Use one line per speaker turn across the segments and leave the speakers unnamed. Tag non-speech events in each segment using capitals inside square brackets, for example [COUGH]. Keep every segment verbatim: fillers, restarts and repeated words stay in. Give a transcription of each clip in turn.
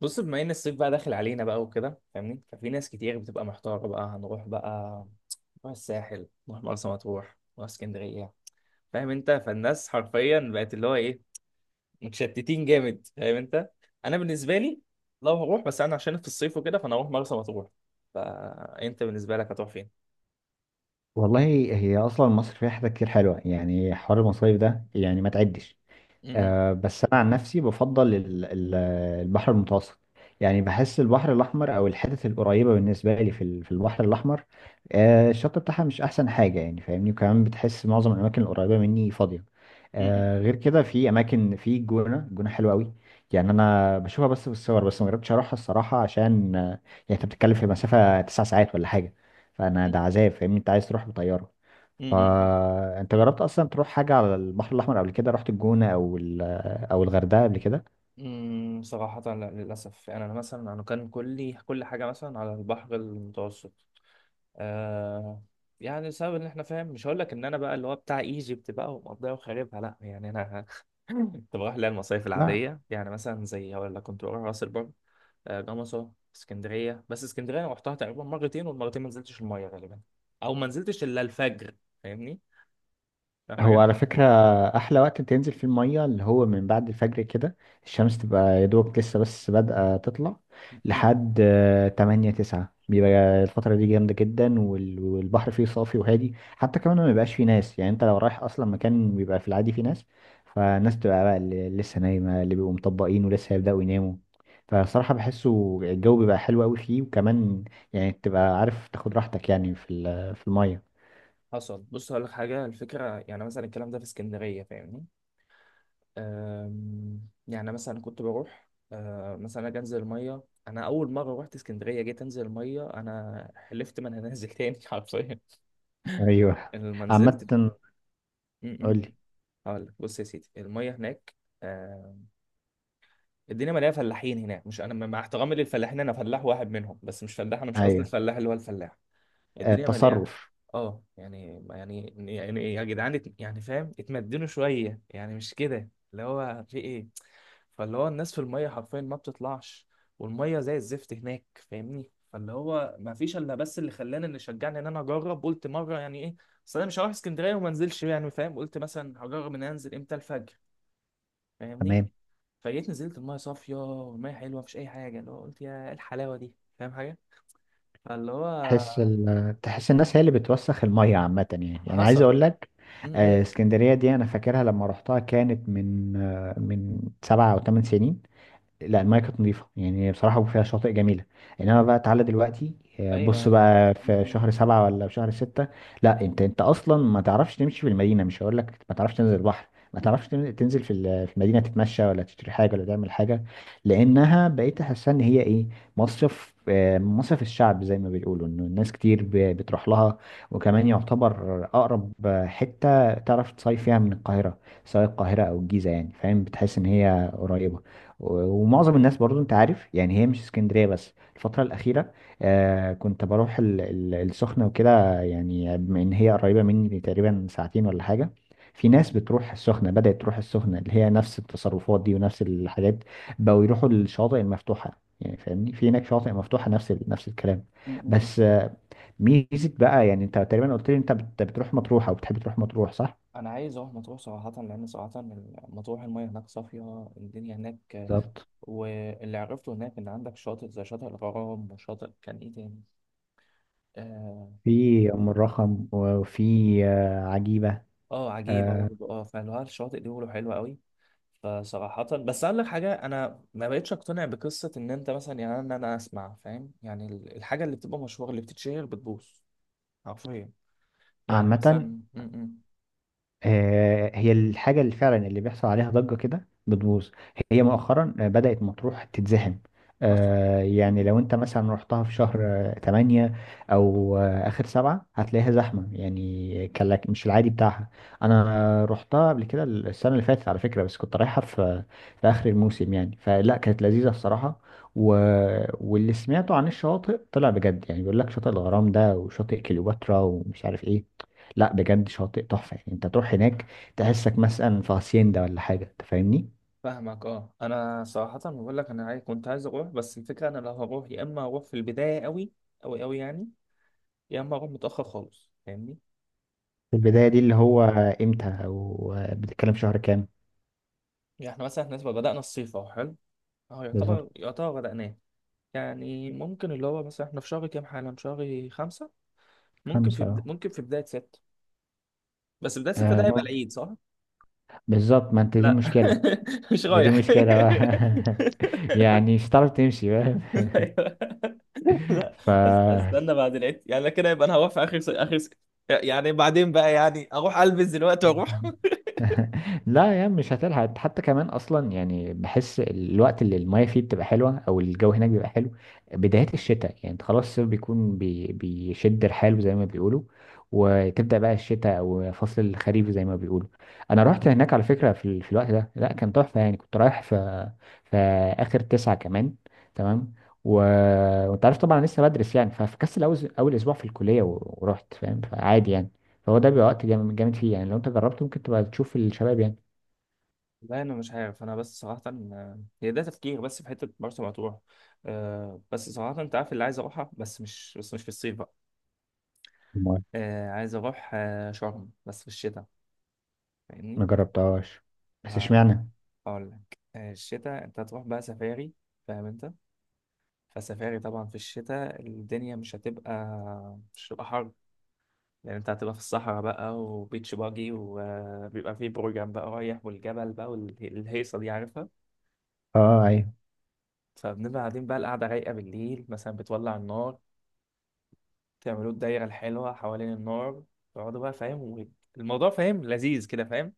بص، بما ان الصيف بقى داخل علينا بقى وكده، فاهمني؟ ففي ناس كتير بتبقى محتاره بقى هنروح بقى نروح الساحل، نروح مرسى مطروح، نروح اسكندريه. فاهم انت؟ فالناس حرفيا بقت اللي هو ايه، متشتتين جامد، فاهم انت؟ انا بالنسبه لي لو هروح، بس انا عشان في الصيف وكده فانا هروح مرسى مطروح. فانت بالنسبه لك هتروح فين؟
والله، هي اصلا مصر فيها حاجات كتير حلوه. يعني حوار المصايف ده يعني ما تعدش.
م-،
آه، بس انا عن نفسي بفضل ال- ال- البحر المتوسط. يعني بحس البحر الاحمر او الحتت القريبه بالنسبه لي في ال- في البحر الاحمر. آه، الشط بتاعها مش احسن حاجه يعني فاهمني، وكمان بتحس معظم الاماكن القريبه مني فاضيه.
م-،
آه، غير كده في اماكن في الجونه. الجونه حلوه قوي. يعني انا بشوفها بس في الصور، بس ما جربتش اروحها الصراحه عشان آه، يعني انت بتتكلم في مسافه تسع ساعات ولا حاجه. فانا ده
م-،
عذاب فاهمني، انت عايز تروح بطياره.
م-،
فانت جربت اصلا تروح حاجه على البحر الاحمر قبل كده؟ رحت الجونه او ال- او الغردقه قبل كده؟
م-، م-. صراحة لا، للأسف. يعني أنا مثلا، أنا كان كلي كل حاجة مثلا على البحر المتوسط. آه يعني بسبب ان احنا فاهم، مش هقول لك ان انا بقى اللي هو بتاع ايجيبت بقى ومقضيها وخاربها، لا يعني انا [LAUGHS] كنت بروح لها المصايف
لا،
العاديه، يعني مثلا زي هقول لك كنت بروح راس البر، آه، جمصه، اسكندريه. بس اسكندريه انا رحتها تقريبا مرتين، والمرتين ما نزلتش الميه غالبا، او ما نزلتش الا الفجر. فاهمني؟ فاهم
هو
حاجه؟
على فكرة أحلى وقت تنزل في المية اللي هو من بعد الفجر كده. الشمس تبقى يا دوبك لسه بس بادئة تطلع
م- م.
لحد آه، تمانية تسعة، بيبقى الفترة دي جامدة جدا. وال- والبحر فيه صافي وهادي حتى كمان، ما بيبقاش فيه ناس. يعني أنت لو رايح أصلا مكان بيبقى في العادي فيه ناس، فالناس تبقى بقى اللي لسه نايمة، اللي بيبقوا مطبقين ولسه هيبدأوا يناموا. فصراحة بحسه الجو بيبقى حلو أوي فيه، وكمان يعني تبقى عارف تاخد راحتك يعني في ال- في المية.
حصل. بص هقول لك حاجه، الفكره يعني مثلا الكلام ده في اسكندريه، فاهمني. أم، يعني مثلا كنت بروح، أه، مثلا اجي انزل الميه. انا اول مره رحت اسكندريه جيت انزل الميه، انا حلفت ما انا نازل تاني [LAUGHS] حرفيا.
أيوه.
أنا لما نزلت
عامة.
م- م.
قولي.
هقول لك بص يا سيدي، الميه هناك أه، الدنيا مليانه فلاحين هناك. مش انا مع احترامي للفلاحين، انا فلاح واحد منهم، بس مش فلاح انا، مش قصدي
ايوه.
الفلاح اللي هو الفلاح.
آه،
الدنيا مليانه.
التصرف.
اه يعني يعني يعني يا جدعان، ات- يعني فاهم، اتمدنوا شويه يعني، مش كده اللي هو في ايه. فاللي هو الناس في الميه حرفيا ما بتطلعش، والميه زي الزفت هناك، فاهمني. فاللي هو ما فيش الا بس، اللي خلاني اللي شجعني ان انا اجرب، قلت مره يعني ايه، اصل انا مش هروح اسكندريه وما انزلش يعني فاهم، قلت مثلا هجرب ان أنا انزل امتى، الفجر، فاهمني.
تمام.
فجيت نزلت الميه صافيه والميه حلوه، مفيش اي حاجه، اللي هو قلت يا إيه الحلاوه دي، فاهم حاجه. فاللي
تحس
هو
ال... تحس الناس هي اللي بتوسخ الميه عامه، يعني يعني عايز
حصل.
اقول لك،
م -م.
آه، اسكندريه دي انا فاكرها لما رحتها، كانت من آه، من سبع او ثمان سنين. لا، المايه كانت نظيفه يعني بصراحه، فيها شاطئ جميله. انما بقى تعالى دلوقتي آه، بص
ايوه.
بقى
م-
في
م-
شهر سبعة ولا في شهر ستة، لا، انت انت اصلا ما تعرفش تمشي في المدينه، مش هقول لك ما تعرفش تنزل البحر. ما تعرفش تن- تنزل في ال- في المدينه، تتمشى ولا تشتري حاجه ولا تعمل حاجه. لانها بقيت احسها ان هي ايه، مصيف. آه، مصيف الشعب زي ما بيقولوا، انه الناس كتير ب- بتروح لها. وكمان يعتبر اقرب حته تعرف تصيف فيها من القاهره، سواء القاهره او الجيزه. يعني فاهم بتحس ان هي قريبه. ومعظم الناس برضو انت عارف، يعني هي مش اسكندرية بس الفترة الأخيرة. آه، كنت بروح ال- ال- السخنة وكده، يعني بما إن هي قريبة مني تقريبا ساعتين ولا حاجة. في ناس
م-
بتروح السخنة. بدأت تروح السخنة اللي هي نفس التصرفات دي ونفس الحاجات، بقوا يروحوا للشواطئ المفتوحة يعني فاهمني. في هناك شواطئ مفتوحة، نفس ال- نفس الكلام.
م- م- م.
بس آه، ميزة بقى. يعني انت تقريبا قلت لي انت بت- بتروح مطروح او بتحب تروح مطروح صح؟
انا عايز اروح مطروح صراحه، لان صراحه مطروح المياه هناك صافيه، الدنيا هناك.
بالظبط.
واللي عرفته هناك ان عندك شاطئ زي شاطئ الغرام، وشاطئ كان ايه تاني، اه،
في أم الرخم وفي آه، عجيبة.
آه عجيبه
آه،
برضه، اه فاللي هو الشاطئ دي بيقولوا حلوه قوي. فصراحه بس اقول لك حاجه، انا ما بقتش اقتنع بقصه ان انت مثلا يعني ان انا اسمع فاهم يعني ال- الحاجه اللي بتبقى مشهوره اللي بتتشهر بتبوظ، حرفيا، يعني
عامة،
مثلا م- م.
آه، هي الحاجة اللي فعلا اللي بيحصل عليها ضجة كده بتبوظ. هي مؤخرا آه، بدأت مطروح تتزحم.
حصل.
آه، يعني لو انت مثلا رحتها في شهر آه، تمانية أو آه، آخر سبعة، هتلاقيها زحمة يعني كلك مش العادي بتاعها. أنا رحتها قبل كده السنة اللي فاتت على فكرة، بس كنت رايحها في في آخر الموسم يعني، فلا كانت لذيذة الصراحة. و... واللي سمعته عن الشواطئ طلع بجد، يعني بيقول لك شاطئ الغرام ده وشاطئ كليوباترا ومش عارف ايه. لا بجد شاطئ تحفة، يعني انت تروح هناك تحسك مثلا في هاسيندا ولا حاجة انت فاهمني.
فاهمك. اه انا صراحه بقول لك، انا عاي- كنت عايز اروح بس الفكره، انا لو هروح يا اما اروح في البدايه قوي قوي قوي يعني، يا اما اروح متاخر خالص، فاهمني.
في البداية
آه،
دي اللي هو امتى؟ او بتتكلم شهر كام؟
يعني احنا مثلا احنا نسبة بدانا الصيف اهو حلو، اهو
بالظبط.
يعتبر، يعتبر بداناه. يعني ممكن اللي هو مثلا احنا في شهر كام حالا، في شهر خمسة، ممكن في
خمسة
بد...
اه.
ممكن في بدايه ستة. بس بدايه ستة
آه،
ده هيبقى
ممكن.
العيد، صح؟
بالظبط. ما انت دي
لا
مشكلة.
[LAUGHS] مش
ما دي
رايح
مشكلة بقى
[LAUGHS]
[LAUGHS] يعني مش هتعرف تمشي بقى
أيوة. لا،
[LAUGHS] ف
أس- استنى بعد العيد يعني، لا كده، يبقى انا هروح في اخر س... اخر س... يعني بعدين بقى يعني اروح البس دلوقتي واروح.
[LAUGHS] لا يا عم مش هتلحق حتى كمان اصلا. يعني بحس الوقت اللي المايه فيه بتبقى حلوه او الجو هناك بيبقى حلو بدايه الشتاء. يعني انت خلاص الصيف بيكون بي بيشد رحاله زي ما بيقولوا، وتبدا بقى الشتاء او فصل الخريف زي ما بيقولوا. انا رحت هناك على فكره في، ال- في الوقت ده لا كان تحفه، يعني كنت رايح في في اخر تسعة كمان. تمام. و... وانت عارف طبعا أنا لسه بدرس، يعني ففكست اول اول اسبوع في الكليه و... ورحت فاهم، فعادي يعني. فهو ده بيبقى وقت جامد جامد فيه. يعني لو انت جربته ممكن تبقى تشوف الشباب يعني.
لا انا مش عارف، انا بس صراحه، آه، هي ده تفكير، بس في حته مرسى مطروح. آه، بس صراحه انت عارف اللي عايز اروحها، بس مش، بس مش في الصيف بقى.
أمال.
آه، عايز اروح آه، شرم بس في الشتاء، فاهمني.
ما جربتهاش. بس
ما
اشمعنى؟
اقول لك، آه، الشتاء انت هتروح بقى سفاري، فاهم انت. فسفاري طبعا في الشتاء الدنيا مش هتبقى، مش هتبقى حر، لان انت هتبقى في الصحراء بقى، وبيتش باجي، وبيبقى فيه بروجرام بقى رايح، والجبل بقى، والهيصه دي عارفها.
اه ايوه.
فبنبقى قاعدين بقى، القعده رايقه بالليل، مثلا بتولع النار، تعملوا الدايره الحلوه حوالين النار، تقعدوا بقى فاهم الموضوع، فاهم لذيذ كده، فاهم.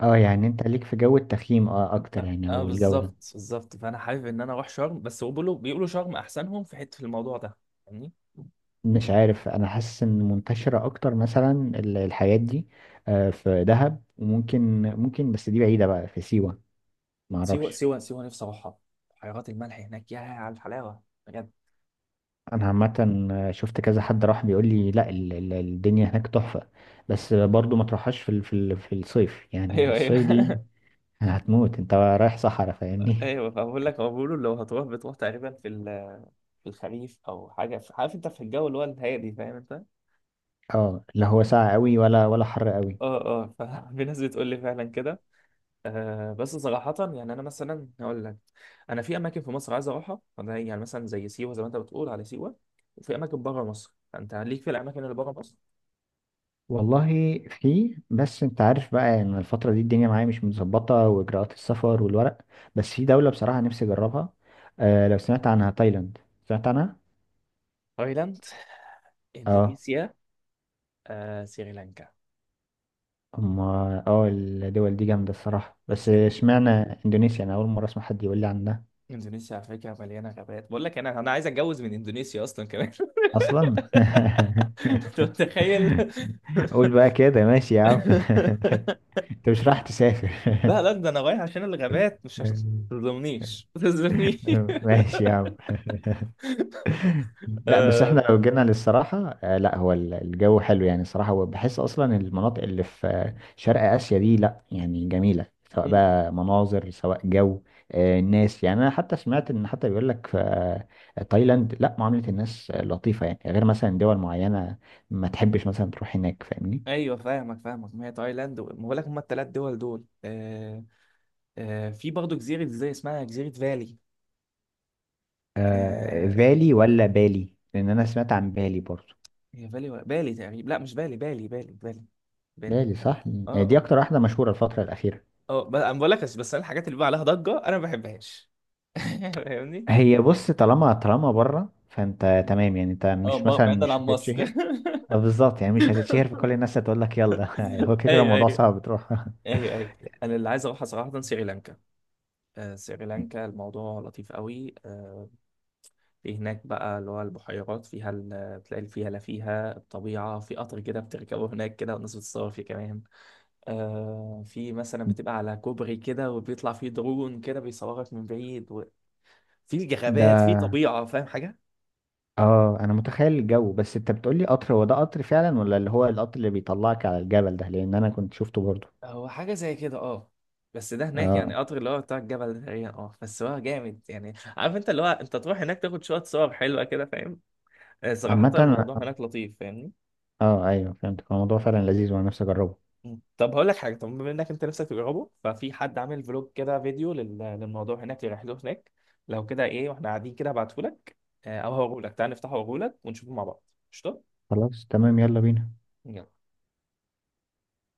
اه يعني انت ليك في جو التخييم اه اكتر
اه،
يعني،
آه،
او الجو ده.
بالظبط بالظبط، فانا حابب ان انا اروح شرم، بس هو بيقولوا، بيقولوا شرم احسنهم في حته في الموضوع ده، فاهمني.
مش عارف، انا حاسس ان منتشرة اكتر مثلا ال- الحاجات دي آه، في دهب وممكن. ممكن بس دي بعيدة بقى في سيوة.
سيوه
معرفش.
سيوه سيوه، نفسي اروحها، بحيرات الملح هناك، يا على الحلاوه بجد.
انا عامة، آه، شفت كذا حد راح بيقول لي لا، ال- ال- الدنيا هناك تحفة. بس برضو ما تروحهاش في ال- في ال- في الصيف، يعني
ايوه، ايوه
الصيف دي
[LAUGHS]
هتموت. انت رايح صحراء فاهمني.
ايوه. فبقول لك، هو بيقولوا لو هتروح بتروح تقريبا في ال- في الخريف او حاجه، في- عارف انت، في الجو اللي هو الهادي، فاهم انت.
اه لا هو ساقع قوي ولا ولا حر قوي.
اه، اه، ففي [LAUGHS] ناس بتقول لي فعلا كده. آه بس صراحه يعني، انا مثلا هقول لك، انا في اماكن في مصر عايز اروحها، فده يعني مثلا زي سيوه، زي ما انت بتقول على سيوه. وفي اماكن بره مصر، فانت ليك في الاماكن اللي بره مصر.
والله في، بس انت عارف بقى يعني الفترة دي الدنيا معايا مش متظبطة واجراءات السفر والورق. بس في دولة بصراحة نفسي اجربها. آه لو سمعت عنها، تايلاند. سمعت عنها؟
تايلاند،
اه.
اندونيسيا، آه سريلانكا.
اما اه الدول دي جامدة الصراحة، بس اشمعنى اندونيسيا؟ انا اول مرة اسمع حد يقول لي عنها
اندونيسيا على فكره مليانه غابات، بقول لك انا، انا عايز اتجوز من اندونيسيا اصلا كمان [LAUGHS]
اصلا
انت متخيل.
[LAUGHS] قول بقى كده، ماشي يا عم [LAUGHS] انت مش رايح تسافر
لا، لا، ده انا رايح عشان الغابات،
[LAUGHS]
مش عشان.
يعني.
ما تظلمنيش، ما تظلمنيش.
ماشي يا عم.
[LAUGHS]
لا بس احنا
آه،
لو جينا للصراحة، آه لا هو ال- الجو حلو يعني الصراحة. وبحس اصلا المناطق اللي في آه، شرق اسيا دي لا يعني جميلة، سواء
م- م.
بقى مناظر سواء جو. آه الناس، يعني انا حتى سمعت ان حتى بيقول لك في آه تايلاند لا معاملة الناس آه، لطيفة يعني، غير مثلا دول معينة ما تحبش مثلا تروح هناك فاهمني.
ايوه، فاهمك، فاهمك ما هي تايلاند، و- ما بقول لك هم الثلاث دول دول آه، آه، في برضه جزيره زي اسمها جزيره فالي.
آه
آه،
بالي ولا بالي، لان انا سمعت عن بالي برضو.
هي فالي ولا بالي تقريبا؟ لا مش بالي، بالي، بالي، بالي، بالي.
بالي صح.
اه،
آه، دي
آه.
اكتر واحدة مشهورة الفترة الأخيرة.
اه، ب- انا بقول لك، بس، بس انا الحاجات اللي بقى عليها ضجه انا ما بحبهاش [LAUGHS] فاهمني.
هي بص، طالما طالما بره فانت تمام. يعني انت
اه،
مش
ب-
مثلا
بعيدا عن
مش
مصر.
هتتشهر. آه، بالظبط يعني مش هتتشهر، فكل الناس هتقول لك يلا [LAUGHS] هو
[LAUGHS]
كده كده
ايوه،
الموضوع
ايوه.
صعب تروح [LAUGHS]
ايوه، ايوه. انا اللي عايز اروحها صراحه سريلانكا. آه سريلانكا الموضوع لطيف قوي. آه في هناك بقى اللي هو البحيرات، فيها ال- بتلاقي الفيلة، فيها الطبيعه، في قطر كده بتركبه هناك كده، والناس بتصور فيه كمان. آه في مثلا بتبقى على كوبري كده، وبيطلع فيه درون كده بيصورك من بعيد و... في الجغابات، في
ده
طبيعه، فاهم حاجه.
اه انا متخيل الجو. بس انت بتقولي قطر، هو ده قطر فعلا ولا اللي هو القطر اللي بيطلعك على الجبل ده؟ لان انا كنت شفته برضه.
هو حاجة زي كده، اه. بس ده هناك يعني
اه
قطر اللي هو بتاع الجبل ده تقريبا، اه بس هو جامد يعني، عارف انت، اللي هو انت تروح هناك، تاخد شوية صور حلوة كده، فاهم. آه، صراحة
عامة
الموضوع
أنا-
هناك لطيف، فاهمني.
اه ايوه، فهمت الموضوع فعلا لذيذ، وانا نفسي اجربه.
مم. طب هقول لك حاجة، طب بما انك انت نفسك تجربه، ففي حد عامل فلوج كده فيديو لل- للموضوع هناك، لرحلته هناك. لو كده، ايه واحنا قاعدين كده، ابعتهولك، آه، او هوريهولك، تعال نفتحه، وأوريهولك، ونشوفه مع بعض. قشطة.
خلاص تمام، يلا بينا.
يلا.